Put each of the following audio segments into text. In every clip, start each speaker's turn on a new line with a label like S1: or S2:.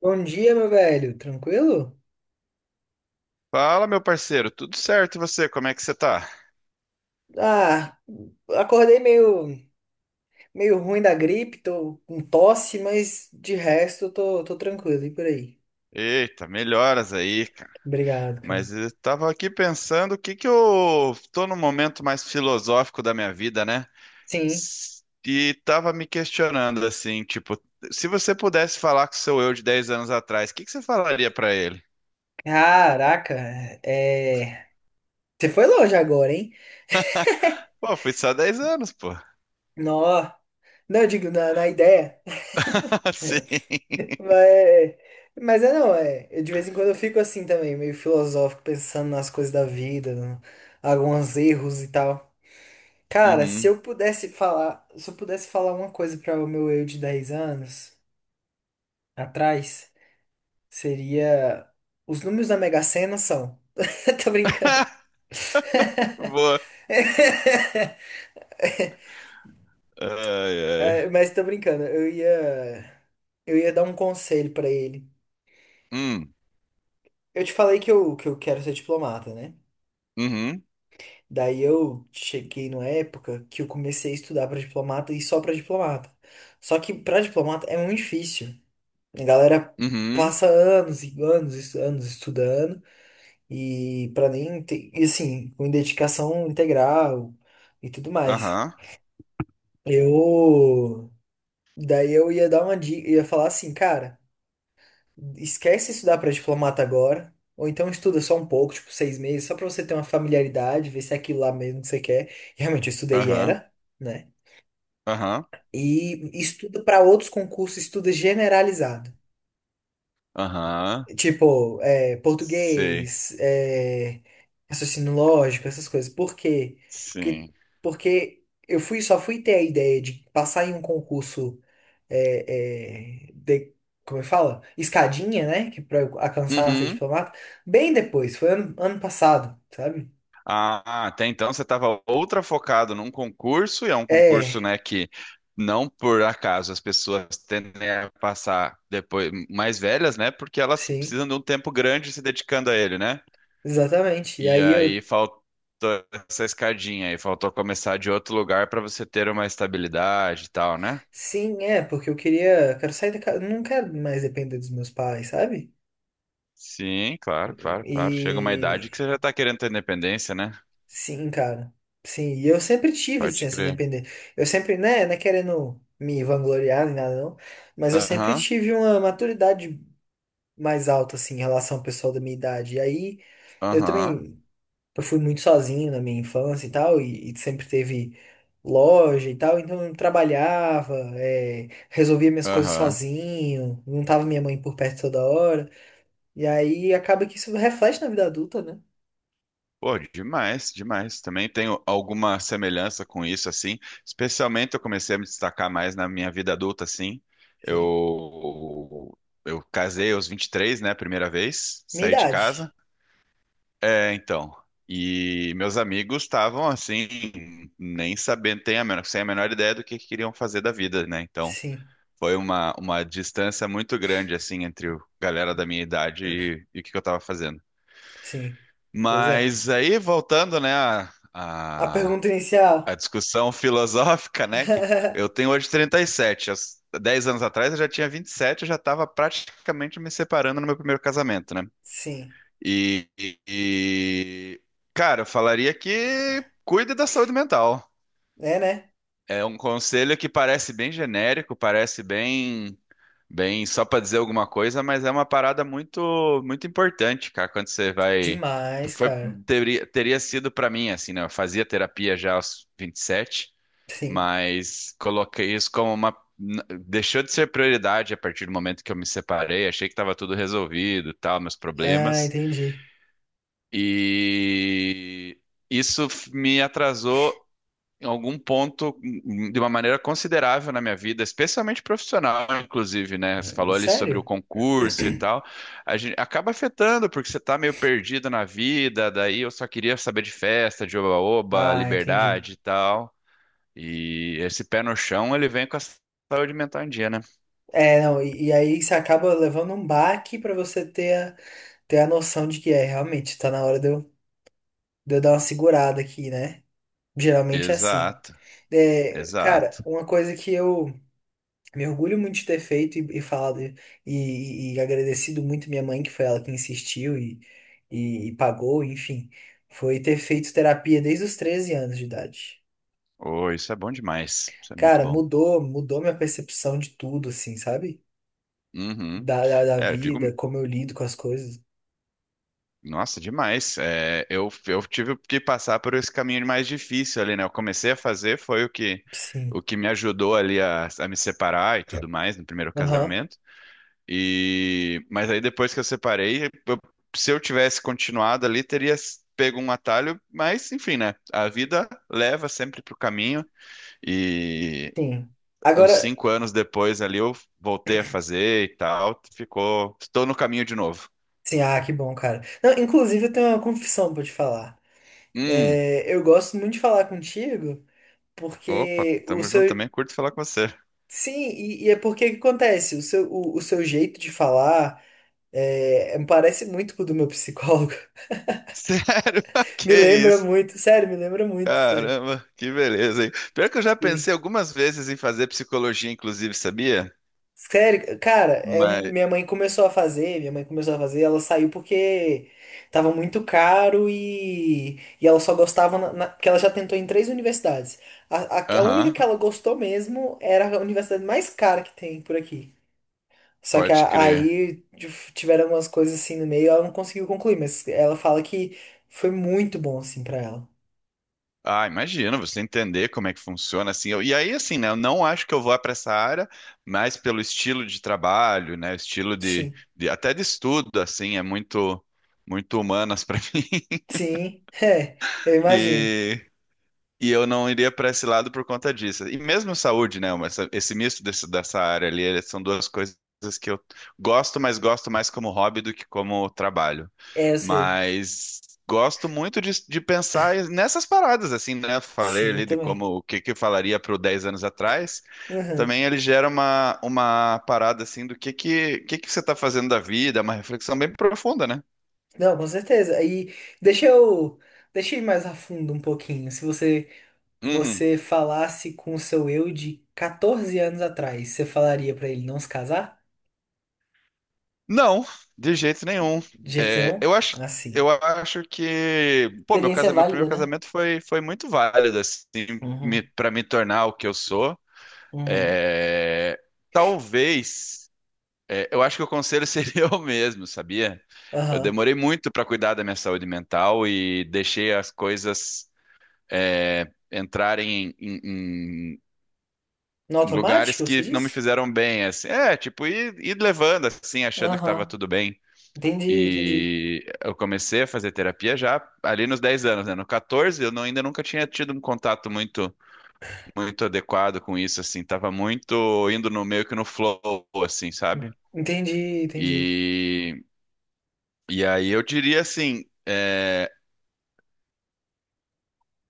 S1: Bom dia, meu velho. Tranquilo?
S2: Fala, meu parceiro, tudo certo e você? Como é que você tá?
S1: Ah, acordei meio ruim da gripe, tô com tosse, mas de resto eu tô tranquilo. E por aí?
S2: Eita, melhoras aí, cara.
S1: Obrigado, cara.
S2: Mas eu tava aqui pensando o que que eu tô num momento mais filosófico da minha vida, né?
S1: Sim.
S2: E tava me questionando assim, tipo, se você pudesse falar com o seu eu de 10 anos atrás, o que que você falaria pra ele?
S1: Caraca, é... é, você foi longe agora, hein?
S2: Pô, fui só 10 anos, pô.
S1: Nó. Não, eu digo, na ideia.
S2: Sim.
S1: Mas, mas é não, é. De vez em quando eu fico assim também, meio filosófico, pensando nas coisas da vida, alguns erros e tal. Cara,
S2: Uhum.
S1: se eu pudesse falar uma coisa para o meu eu de 10 anos atrás, seria os números da Mega Sena são. Tô brincando.
S2: Boa. Ai, ai.
S1: Mas tô brincando. Eu ia dar um conselho pra ele.
S2: Hum,
S1: Eu te falei que eu quero ser diplomata, né?
S2: uhum,
S1: Daí eu cheguei numa época que eu comecei a estudar pra diplomata e só pra diplomata. Só que pra diplomata é muito difícil. A galera
S2: uhum,
S1: passa anos e anos, e anos estudando e para nem ter, e assim, com dedicação integral e tudo mais.
S2: aham,
S1: Eu daí eu ia dar uma dica, ia falar assim, cara, esquece estudar para diplomata agora, ou então estuda só um pouco, tipo 6 meses, só para você ter uma familiaridade, ver se é aquilo lá mesmo que você quer. E realmente eu estudei e
S2: aham,
S1: era, né?
S2: aham,
S1: E estuda para outros concursos, estuda generalizado.
S2: aham,
S1: Tipo, é,
S2: sei.
S1: português, é, raciocínio lógico, essas coisas. Por quê? Porque,
S2: Sim.
S1: porque eu fui, só fui ter a ideia de passar em um concurso, de, como eu falo? Escadinha, né? Que pra eu alcançar a ser
S2: Uhum.
S1: diplomata, bem depois, foi ano passado, sabe?
S2: Ah, até então você estava outra focado num concurso, e é um concurso,
S1: É,
S2: né, que não por acaso as pessoas tendem a passar depois mais velhas, né, porque elas
S1: sim,
S2: precisam de um tempo grande se dedicando a ele, né?
S1: exatamente. E
S2: E
S1: aí eu,
S2: aí faltou essa escadinha aí, faltou começar de outro lugar para você ter uma estabilidade e tal, né?
S1: sim, é, porque eu queria, quero sair da casa, não quero mais depender dos meus pais, sabe?
S2: Sim, claro, claro, claro. Chega uma idade que
S1: E.
S2: você já tá querendo ter independência, né?
S1: Sim, cara. Sim, e eu sempre tive assim,
S2: Pode
S1: essa
S2: crer.
S1: independência. Eu sempre, né, não é querendo me vangloriar nem nada, não, mas eu sempre
S2: Aham,
S1: tive uma maturidade mais alta, assim, em relação ao pessoal da minha idade. E aí, eu
S2: aham,
S1: também, eu fui muito sozinho na minha infância e tal, e sempre teve loja e tal, então eu trabalhava, é, resolvia minhas coisas
S2: aham.
S1: sozinho, não tava minha mãe por perto toda hora. E aí, acaba que isso reflete na vida adulta, né?
S2: Pô, demais, demais. Também tenho alguma semelhança com isso, assim. Especialmente eu comecei a me destacar mais na minha vida adulta, assim.
S1: Sim.
S2: Eu, eu casei aos 23, né? Primeira vez,
S1: Minha
S2: saí de
S1: idade.
S2: casa. É, então. E meus amigos estavam, assim, nem sabendo, sem a menor ideia do que queriam fazer da vida, né? Então,
S1: Sim.
S2: foi uma distância muito grande, assim, entre a galera da minha idade e o que que eu tava fazendo.
S1: Sim, pois é.
S2: Mas aí, voltando, né, a,
S1: A
S2: a,
S1: pergunta inicial.
S2: a discussão filosófica, né, que eu tenho hoje 37. Há 10 anos atrás eu já tinha 27, eu já estava praticamente me separando no meu primeiro casamento, né?
S1: Sim.
S2: E, cara, eu falaria que cuide da saúde mental.
S1: É, né?
S2: É um conselho que parece bem genérico, parece bem. Bem, só para dizer alguma coisa, mas é uma parada muito muito importante, cara, quando você vai
S1: Demais,
S2: foi
S1: cara.
S2: teria sido para mim assim, né? Eu fazia terapia já aos 27,
S1: Sim.
S2: mas coloquei isso como deixou de ser prioridade a partir do momento que eu me separei, achei que estava tudo resolvido, tal, meus
S1: Ah,
S2: problemas.
S1: entendi.
S2: E isso me atrasou em algum ponto de uma maneira considerável na minha vida, especialmente profissional, inclusive, né? Você falou ali sobre o
S1: Sério?
S2: concurso e tal. A gente acaba afetando, porque você tá meio perdido na vida, daí eu só queria saber de festa, de oba-oba,
S1: Ah, entendi.
S2: liberdade e tal. E esse pé no chão, ele vem com a saúde mental em dia, né?
S1: É, não, e aí você acaba levando um baque pra você ter ter a noção de que é, realmente, tá na hora de eu dar uma segurada aqui, né? Geralmente é assim.
S2: Exato,
S1: É, cara,
S2: exato.
S1: uma coisa que eu. Me orgulho muito de ter feito e falado e, e agradecido muito minha mãe, que foi ela que insistiu e pagou, enfim. Foi ter feito terapia desde os 13 anos de idade.
S2: Oh, isso é bom demais. Isso é muito
S1: Cara,
S2: bom.
S1: mudou minha percepção de tudo, assim, sabe?
S2: Uhum.
S1: Da
S2: É, eu digo,
S1: vida, como eu lido com as coisas.
S2: nossa, demais. É, eu tive que passar por esse caminho mais difícil ali, né? Eu comecei a fazer, foi o que,
S1: Sim.
S2: o que me ajudou ali a me separar e tudo mais no primeiro
S1: Aham,
S2: casamento. E, mas aí depois que eu separei, eu- se eu tivesse continuado ali, teria pego um atalho, mas enfim, né? A vida leva sempre pro caminho. E
S1: sim.
S2: uns
S1: Agora,
S2: 5 anos depois ali eu voltei a fazer e tal. Ficou. Estou no caminho de novo.
S1: sim, ah, que bom, cara. Não, inclusive, eu tenho uma confissão pra te falar.
S2: Hum.
S1: É, eu gosto muito de falar contigo.
S2: Opa,
S1: Porque o
S2: tamo junto também.
S1: seu,
S2: Curto falar com você.
S1: sim, e é porque o que acontece? O seu jeito de falar é, parece muito com o do meu psicólogo.
S2: Sério?
S1: Me
S2: Que
S1: lembra
S2: isso?
S1: muito, sério, me lembra muito, sério.
S2: Caramba, que beleza, hein? Pior que eu já
S1: Sim.
S2: pensei algumas vezes em fazer psicologia, inclusive, sabia?
S1: Sério, cara,
S2: Mas,
S1: minha mãe começou a fazer, minha mãe começou a fazer, ela saiu porque tava muito caro e ela só gostava, porque ela já tentou em três universidades. A única
S2: aham,
S1: que ela gostou mesmo era a universidade mais cara que tem por aqui. Só que
S2: pode crer.
S1: tiveram algumas coisas assim no meio, ela não conseguiu concluir, mas ela fala que foi muito bom assim pra ela.
S2: Ah, imagina, você entender como é que funciona assim. E aí, assim, né? Eu não acho que eu vou para essa área, mas pelo estilo de trabalho, né? Estilo de,
S1: Sim.
S2: de até de estudo, assim, é muito, muito humanas para mim.
S1: Sim, é, eu imagino.
S2: E E eu não iria para esse lado por conta disso. E mesmo saúde, né? Esse misto dessa área ali, eles são duas coisas que eu gosto, mas gosto mais como hobby do que como trabalho.
S1: É, eu sei.
S2: Mas gosto muito de pensar nessas paradas, assim, né? Falei
S1: Sim, eu
S2: ali de como
S1: também.
S2: o que que eu falaria para 10 anos atrás.
S1: Uhum.
S2: Também ele gera uma parada assim do que que você está fazendo da vida, uma reflexão bem profunda, né?
S1: Não, com certeza. Aí deixa eu, deixa eu ir mais a fundo um pouquinho. Se você
S2: Uhum.
S1: você falasse com o seu eu de 14 anos atrás, você falaria pra ele não se casar?
S2: Não, de jeito nenhum.
S1: De jeito
S2: É,
S1: nenhum?
S2: eu acho,
S1: Assim.
S2: eu acho que, pô,
S1: Experiência
S2: meu primeiro
S1: válida, né?
S2: casamento foi muito válido, assim, me,
S1: Uhum.
S2: para me tornar o que eu sou.
S1: Uhum.
S2: É, talvez, é, eu acho que o conselho seria o mesmo, sabia? Eu
S1: Aham.
S2: demorei muito para cuidar da minha saúde mental e deixei as coisas, é, entrarem em, em-
S1: No
S2: em lugares
S1: automático, você
S2: que não me
S1: disse?
S2: fizeram bem, assim. É, tipo, ir levando, assim, achando que estava
S1: Aham.
S2: tudo bem.
S1: Entendi, entendi.
S2: E eu comecei a fazer terapia já ali nos 10 anos, né? No 14, eu não- ainda nunca tinha tido um contato muito muito adequado com isso, assim. Tava muito indo no meio que no flow, assim, sabe?
S1: Entendi, entendi.
S2: E, e aí eu diria assim, é,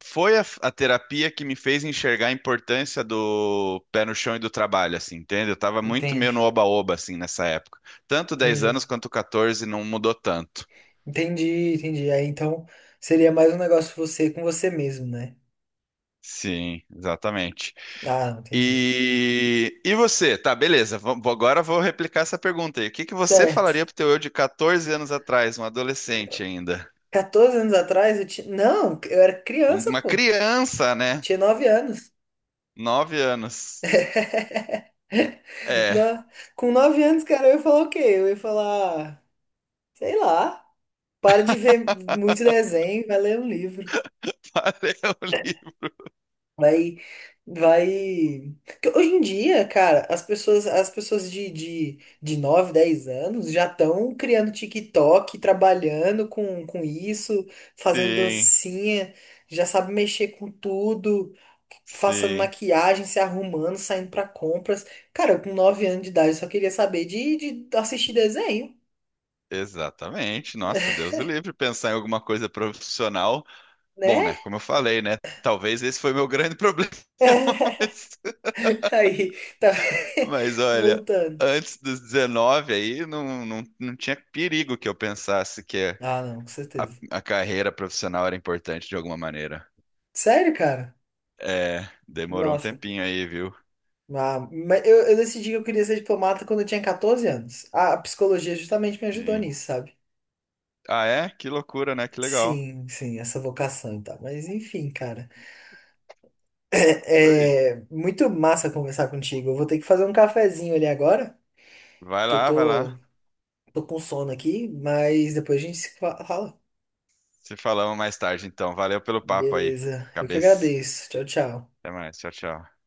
S2: foi a terapia que me fez enxergar a importância do pé no chão e do trabalho, assim, entende? Eu tava muito meio no
S1: Entendi,
S2: oba-oba, assim, nessa época. Tanto 10 anos
S1: entendi.
S2: quanto 14 não mudou tanto.
S1: Entendi, entendi. Aí então seria mais um negócio você com você mesmo, né?
S2: Sim, exatamente.
S1: Ah, entendi.
S2: E você? Tá, beleza. Agora vou replicar essa pergunta aí. O que que você falaria
S1: Certo.
S2: pro teu eu de 14 anos atrás, um adolescente ainda?
S1: Quatorze anos atrás eu tinha. Não, eu era criança,
S2: Uma
S1: pô.
S2: criança, né?
S1: Tinha 9 anos.
S2: 9 anos. É,
S1: Na- Com 9 anos, cara, eu ia falar o quê? Eu ia falar, sei lá, para de ver muito desenho, vai ler um livro.
S2: valeu, livre.
S1: Vai, vai. Porque hoje em dia, cara, as pessoas de 9, 10 anos já estão criando TikTok, trabalhando com isso, fazendo
S2: Sim,
S1: dancinha, já sabe mexer com tudo, passando
S2: sim,
S1: maquiagem, se arrumando, saindo pra compras. Cara, eu com 9 anos de idade só queria saber de assistir desenho,
S2: exatamente. Nossa, Deus o livre pensar em alguma coisa profissional. Bom,
S1: né?
S2: né? Como eu falei, né? Talvez esse foi meu grande problema.
S1: Aí, tá
S2: Mas olha,
S1: voltando.
S2: antes dos 19 aí, não, não, não tinha perigo que eu pensasse que
S1: Ah, não, com
S2: a,
S1: certeza.
S2: a carreira profissional era importante de alguma maneira.
S1: Sério, cara?
S2: É, demorou um
S1: Nossa.
S2: tempinho aí, viu?
S1: Ah, mas eu decidi que eu queria ser diplomata quando eu tinha 14 anos. A psicologia justamente me ajudou
S2: Sim.
S1: nisso, sabe?
S2: Ah, é? Que loucura, né? Que legal.
S1: Sim, sim, essa vocação e tal. Mas enfim, cara.
S2: Oi.
S1: É, é muito massa conversar contigo. Eu vou ter que fazer um cafezinho ali agora,
S2: Vai
S1: que eu
S2: lá, vai
S1: tô,
S2: lá.
S1: tô com sono aqui, mas depois a gente se fala.
S2: Se falamos mais tarde, então. Valeu pelo papo aí,
S1: Beleza. Eu que
S2: cabeça.
S1: agradeço. Tchau, tchau.
S2: Até mais. Tchau, tchau.